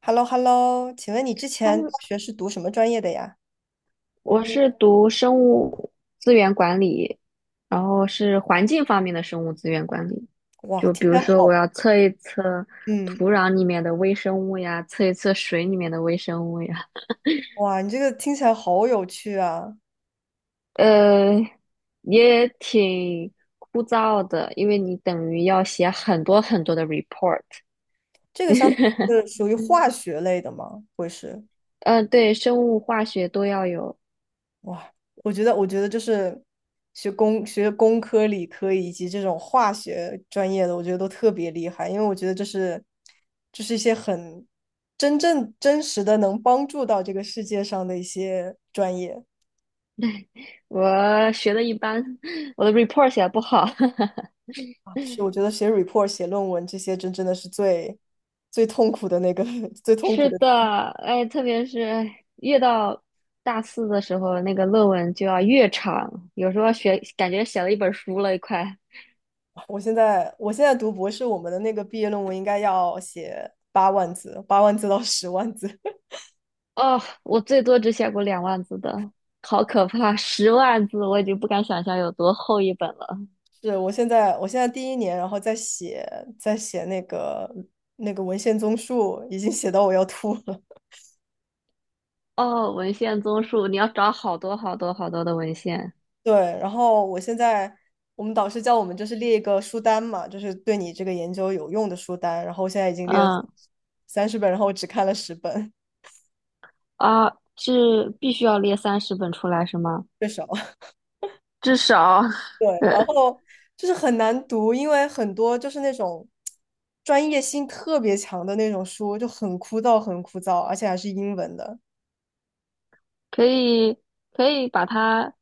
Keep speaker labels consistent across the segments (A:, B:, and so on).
A: H e l l o, 请问你之
B: 他
A: 前大
B: 们，
A: 学是读什么专业的呀？
B: 我是读生物资源管理，然后是环境方面的生物资源管理。
A: 哇，
B: 就
A: 听
B: 比
A: 起
B: 如
A: 来
B: 说，
A: 好。
B: 我要测一测
A: 嗯。
B: 土壤里面的微生物呀，测一测水里面的微生物呀。
A: 哇，你这个听起来好有趣啊！
B: 呃，也挺枯燥的，因为你等于要写很多很多的 report。
A: 这个相当于是 属于化学类的吗？会是？
B: 嗯，对，生物、化学都要有。
A: 哇，我觉得就是学工科、理科以及这种化学专业的，我觉得都特别厉害，因为我觉得这是一些很真正真实的能帮助到这个世界上的一些专业。
B: 我学的一般，我的 report 写的不好。
A: 啊是，我觉得写 report、写论文这些，真真的是最最痛苦的那个 最痛苦
B: 是
A: 的。
B: 的，哎，特别是越到大四的时候，那个论文就要越长，有时候写感觉写了一本书了，快。
A: 我现在读博士，我们的那个毕业论文应该要写八万字，八万字到10万字。
B: 哦，我最多只写过2万字的，好可怕！10万字我已经不敢想象有多厚一本了。
A: 是，我现在第一年，然后在写那个文献综述，已经写到我要吐了。
B: 哦，文献综述，你要找好多好多好多的文献。
A: 对，然后我现在我们导师叫我们就是列一个书单嘛，就是对你这个研究有用的书单，然后我现在已经列了
B: 嗯
A: 30本，然后我只看了十本。
B: 啊，是必须要列30本出来是吗？
A: 最少。
B: 至少
A: 对，然后就是很难读，因为很多就是那种专业性特别强的那种书，就很枯燥，很枯燥，而且还是英文的
B: 可以可以把它。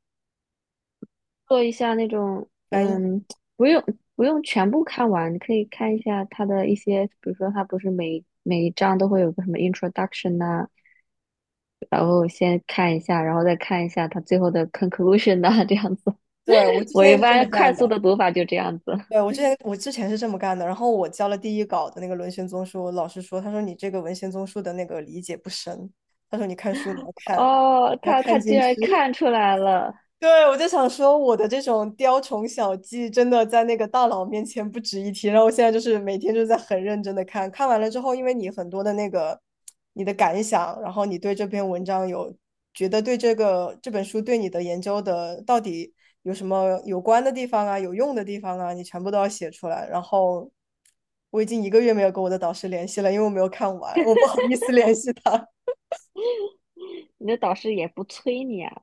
B: 做一下那种，
A: 翻译。
B: 不用不用全部看完，你可以看一下他的一些，比如说他不是每一章都会有个什么 introduction 呐、然后先看一下，然后再看一下他最后的 conclusion 呐、这样子。
A: 对，我 之
B: 我
A: 前
B: 一
A: 也是这么
B: 般快
A: 干
B: 速
A: 的。
B: 的读法就这样子。
A: 对，我之前是这么干的，然后我交了第一稿的那个文献综述，老师说，他说你这个文献综述的那个理解不深，他说你看书你要看，
B: 哦，
A: 要
B: 他
A: 看
B: 他居
A: 进去。
B: 然看出来了，
A: 对，我就想说，我的这种雕虫小技，真的在那个大佬面前不值一提。然后我现在就是每天就在很认真的看，看完了之后，因为你很多的那个你的感想，然后你对这篇文章有觉得对这个这本书对你的研究的到底有什么有关的地方啊，有用的地方啊，你全部都要写出来。然后我已经一个月没有跟我的导师联系了，因为我没有看完，我不好意思联系他。
B: 你的导师也不催你啊？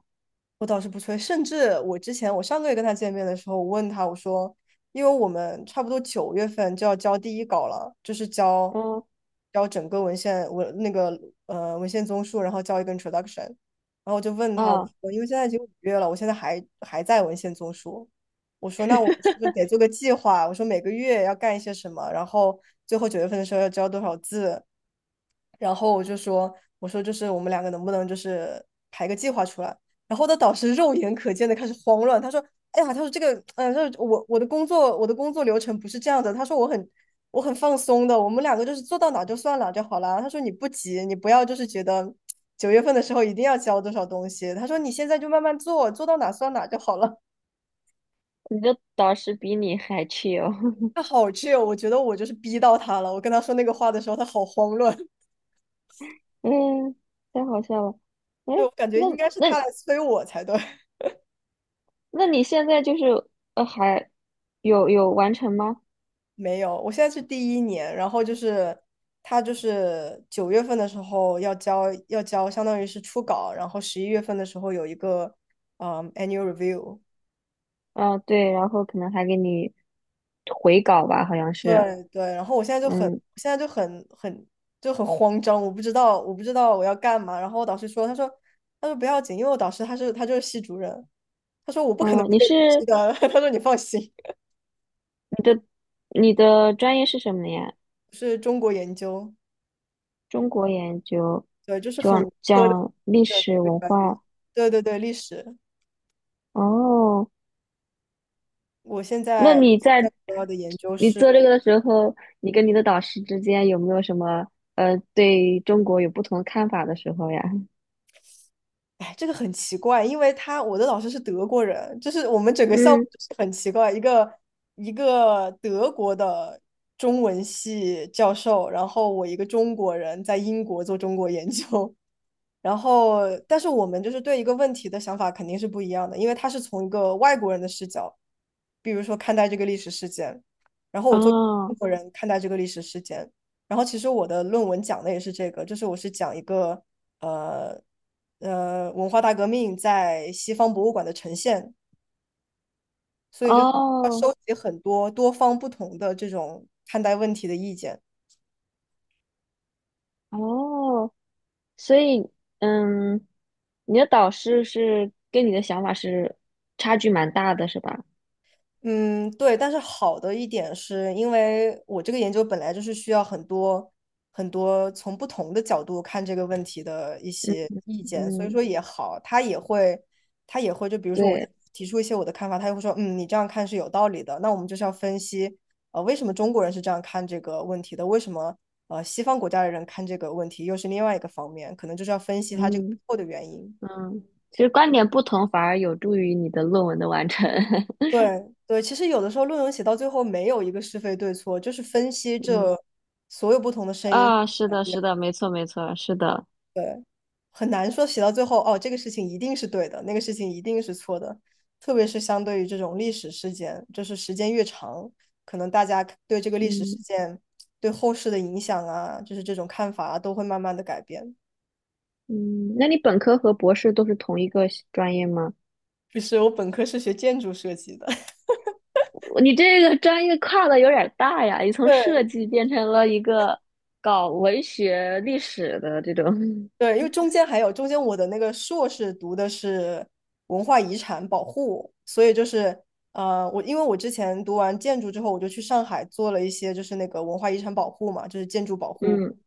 A: 我倒是不催，甚至我之前我上个月跟他见面的时候，我问他我说，因为我们差不多九月份就要交第一稿了，就是交
B: 嗯
A: 交整个文献文那个呃文献综述，然后交一个 introduction，然后我就问他我
B: 嗯，
A: 说，因为现在已经5月了，我现在还在文献综述，我说那我们是不 是得做个计划？我说每个月要干一些什么，然后最后九月份的时候要交多少字，然后我就说，我说就是我们两个能不能就是排个计划出来？然后我的导师肉眼可见的开始慌乱，他说：“哎呀，这个，就是我的工作流程不是这样的。”他说我很放松的，我们两个就是做到哪就算哪就好啦。他说你不急，你不要就是觉得九月份的时候一定要交多少东西。他说你现在就慢慢做，做到哪算哪就好了。
B: 你的导师比你还 chill。
A: 他好 我觉得我就是逼到他了。我跟他说那个话的时候，他好慌乱。
B: 嗯，太好笑了。哎，
A: 对，我感觉应
B: 那
A: 该是
B: 那
A: 他来催我才对。
B: 那你现在就是还有完成吗？
A: 没有，我现在是第一年，然后就是他就是九月份的时候要交，相当于是初稿，然后11月份的时候有一个annual review，
B: 啊，对，然后可能还给你回稿吧，好像是，
A: 对对，然后我现在就很我
B: 嗯
A: 现在就很很就很慌张，我不知道我要干嘛，然后我导师说，他说不要紧，因为我导师他就是系主任，他说我不可能
B: 哦，
A: 不给你批的。他说你放心，
B: 你的专业是什么呀？
A: 是中国研究。
B: 中国研究，
A: 对，就是很
B: 讲
A: 文科的
B: 讲历
A: 一个
B: 史
A: 一个
B: 文
A: 专业，
B: 化。
A: 对对对，历史。
B: 哦，
A: 我现
B: 那
A: 在在主要的研究
B: 你
A: 是，
B: 做这个的时候，你跟你的导师之间有没有什么对中国有不同看法的时候呀？
A: 哎，这个很奇怪，因为我的老师是德国人，就是我们整 个项目
B: 嗯，
A: 就是很奇怪，一个德国的中文系教授，然后我一个中国人在英国做中国研究。然后，但是我们就是对一个问题的想法肯定是不一样的，因为他是从一个外国人的视角，比如说看待这个历史事件，然后我作为中
B: 哦
A: 国人看待这个历史事件，然后其实我的论文讲的也是这个，就是我是讲一个呃文化大革命在西方博物馆的呈现，所以就是要
B: 哦
A: 收集很多多方不同的这种看待问题的意见。
B: 哦。所以，嗯，你的导师是跟你的想法是差距蛮大的，是吧？
A: 嗯，对，但是好的一点是因为我这个研究本来就是需要很多很多从不同的角度看这个问题的一
B: 嗯
A: 些意见，所以
B: 嗯，
A: 说也好，他也会就比如说我
B: 对，
A: 提出一些我的看法，他也会说，嗯，你这样看是有道理的，那我们就是要分析，为什么中国人是这样看这个问题的，为什么西方国家的人看这个问题又是另外一个方面，可能就是要分析他这个背
B: 嗯
A: 后的原因。
B: 嗯，其实观点不同反而有助于你的论文的完成。
A: 对对，其实有的时候论文写到最后没有一个是非对错，就是分析
B: 嗯
A: 这所有不同的声音。
B: 啊，是的，是的，没错，没错，是的。
A: 对，很难说写到最后哦，这个事情一定是对的，那个事情一定是错的。特别是相对于这种历史事件，就是时间越长，可能大家对这个历史事
B: 嗯
A: 件对后世的影响啊，就是这种看法啊，都会慢慢的改变。
B: 嗯，那你本科和博士都是同一个系专业吗？
A: 就是我本科是学建筑设计的。
B: 你这个专业跨的有点儿大呀，你 从设
A: 对
B: 计变成了一个搞文学历史的这种。
A: 对，因为中间我的那个硕士读的是文化遗产保护，所以就是我因为我之前读完建筑之后，我就去上海做了一些就是那个文化遗产保护嘛，就是建筑保护，
B: 嗯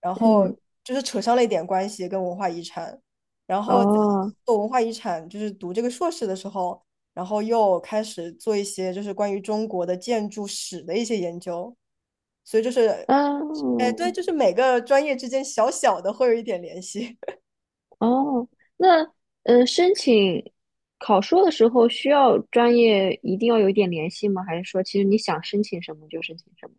A: 然后
B: 嗯。
A: 就是扯上了一点关系跟文化遗产，然后在
B: 哦，
A: 做文化遗产就是读这个硕士的时候，然后又开始做一些就是关于中国的建筑史的一些研究，所以就是，哎，对，
B: 嗯，
A: 就是每个专业之间小小的会有一点联系。
B: 哦，那申请考硕的时候需要专业一定要有一点联系吗？还是说其实你想申请什么就申请什么？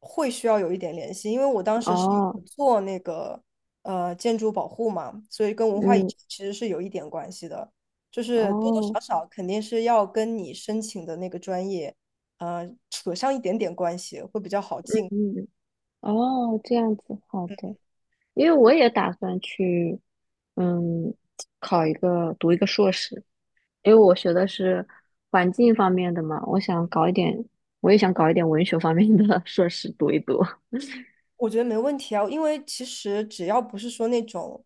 A: 会需要有一点联系，因为我当时是
B: 哦，
A: 有做那个建筑保护嘛，所以跟文化遗产
B: 嗯，
A: 其实是有一点关系的，就是多多
B: 哦，
A: 少少肯定是要跟你申请的那个专业，扯上一点点关系会比较好进。
B: 嗯，哦，这样子，好的，因为我也打算去，嗯，考一个读一个硕士，因为我学的是环境方面的嘛，我想搞一点，我也想搞一点文学方面的 硕士读一读。
A: 我觉得没问题啊，因为其实只要不是说那种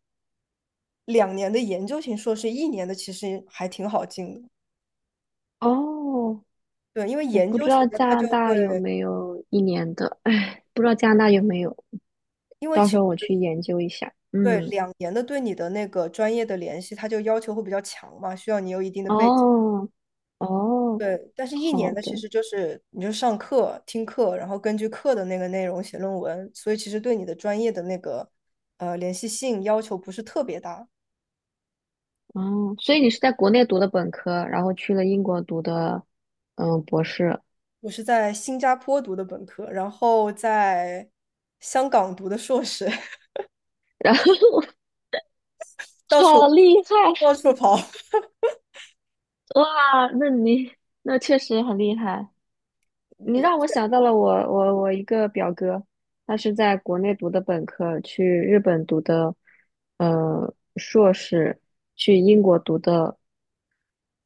A: 两年的研究型硕士，一年的其实还挺好进的。
B: 哦
A: 对，因为
B: 我
A: 研
B: 不
A: 究
B: 知道
A: 型的
B: 加
A: 他
B: 拿
A: 就
B: 大
A: 会，
B: 有没有一年的，哎，不知道加拿大有没有，
A: 因为
B: 到
A: 其
B: 时候我
A: 实
B: 去研究一下。
A: 对，
B: 嗯，
A: 两年的对你的那个专业的联系，它就要求会比较强嘛，需要你有一定的背景。
B: 哦，哦，
A: 对，但是一
B: 好
A: 年的其
B: 的，
A: 实就是你就上课、听课，然后根据课的那个内容写论文，所以其实对你的专业的那个联系性要求不是特别大。
B: 哦，所以你是在国内读的本科，然后去了英国读的，博士，
A: 我是在新加坡读的本科，然后在香港读的硕士。
B: 然后
A: 到处
B: 好厉害，
A: 到处跑。
B: 哇，那你确实很厉害，你让我 想到了我一个表哥，他是在国内读的本科，去日本读的硕士，去英国读的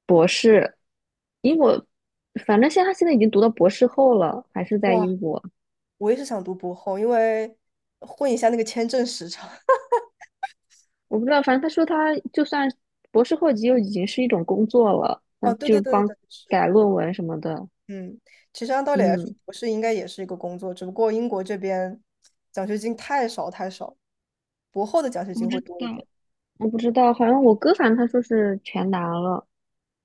B: 博士，英国反正他现在已经读到博士后了，还是在
A: 哇，
B: 英国，
A: 我也是想读博后，因为混一下那个签证时长。
B: 我不知道，反正他说他就算博士后级又已经是一种工作了，那
A: 哦，对
B: 就
A: 对
B: 是
A: 对对
B: 帮
A: 对，是。
B: 改论文什么的，
A: 嗯，其实按道理来说，
B: 嗯，
A: 博士应该也是一个工作，只不过英国这边奖学金太少太少，博后的奖学
B: 我不
A: 金会
B: 知
A: 多一
B: 道。
A: 点。
B: 我不知道，好像我哥反正他说是全拿了。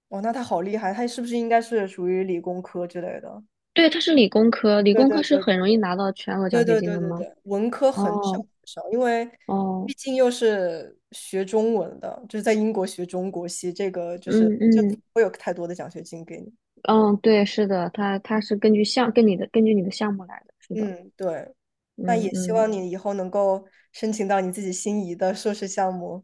A: 哇，那他好厉害，他是不是应该是属于理工科之类的？
B: 对，它是理工科，理
A: 对
B: 工
A: 对
B: 科是
A: 对
B: 很
A: 对
B: 容易拿到全额奖
A: 对
B: 学
A: 对
B: 金
A: 对
B: 的
A: 对
B: 吗？
A: 对，文科很少
B: 哦
A: 很少，因为
B: 哦，
A: 毕竟又是学中文的，就是在英国学中国系，这个就是
B: 嗯
A: 就不
B: 嗯
A: 会有太多的奖学金给你。
B: 嗯，对，是的，它是根据你的项目来的，是的，
A: 嗯，对，那
B: 嗯
A: 也希
B: 嗯，
A: 望你以后能够申请到你自己心仪的硕士项目。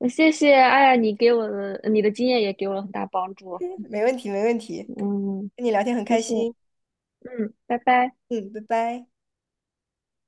B: 那谢谢，哎呀，你的经验也给我了很大帮助，
A: 没问题，没问题，
B: 嗯，
A: 跟你聊天很
B: 谢
A: 开
B: 谢，
A: 心。
B: 嗯，拜拜。
A: 嗯，拜拜。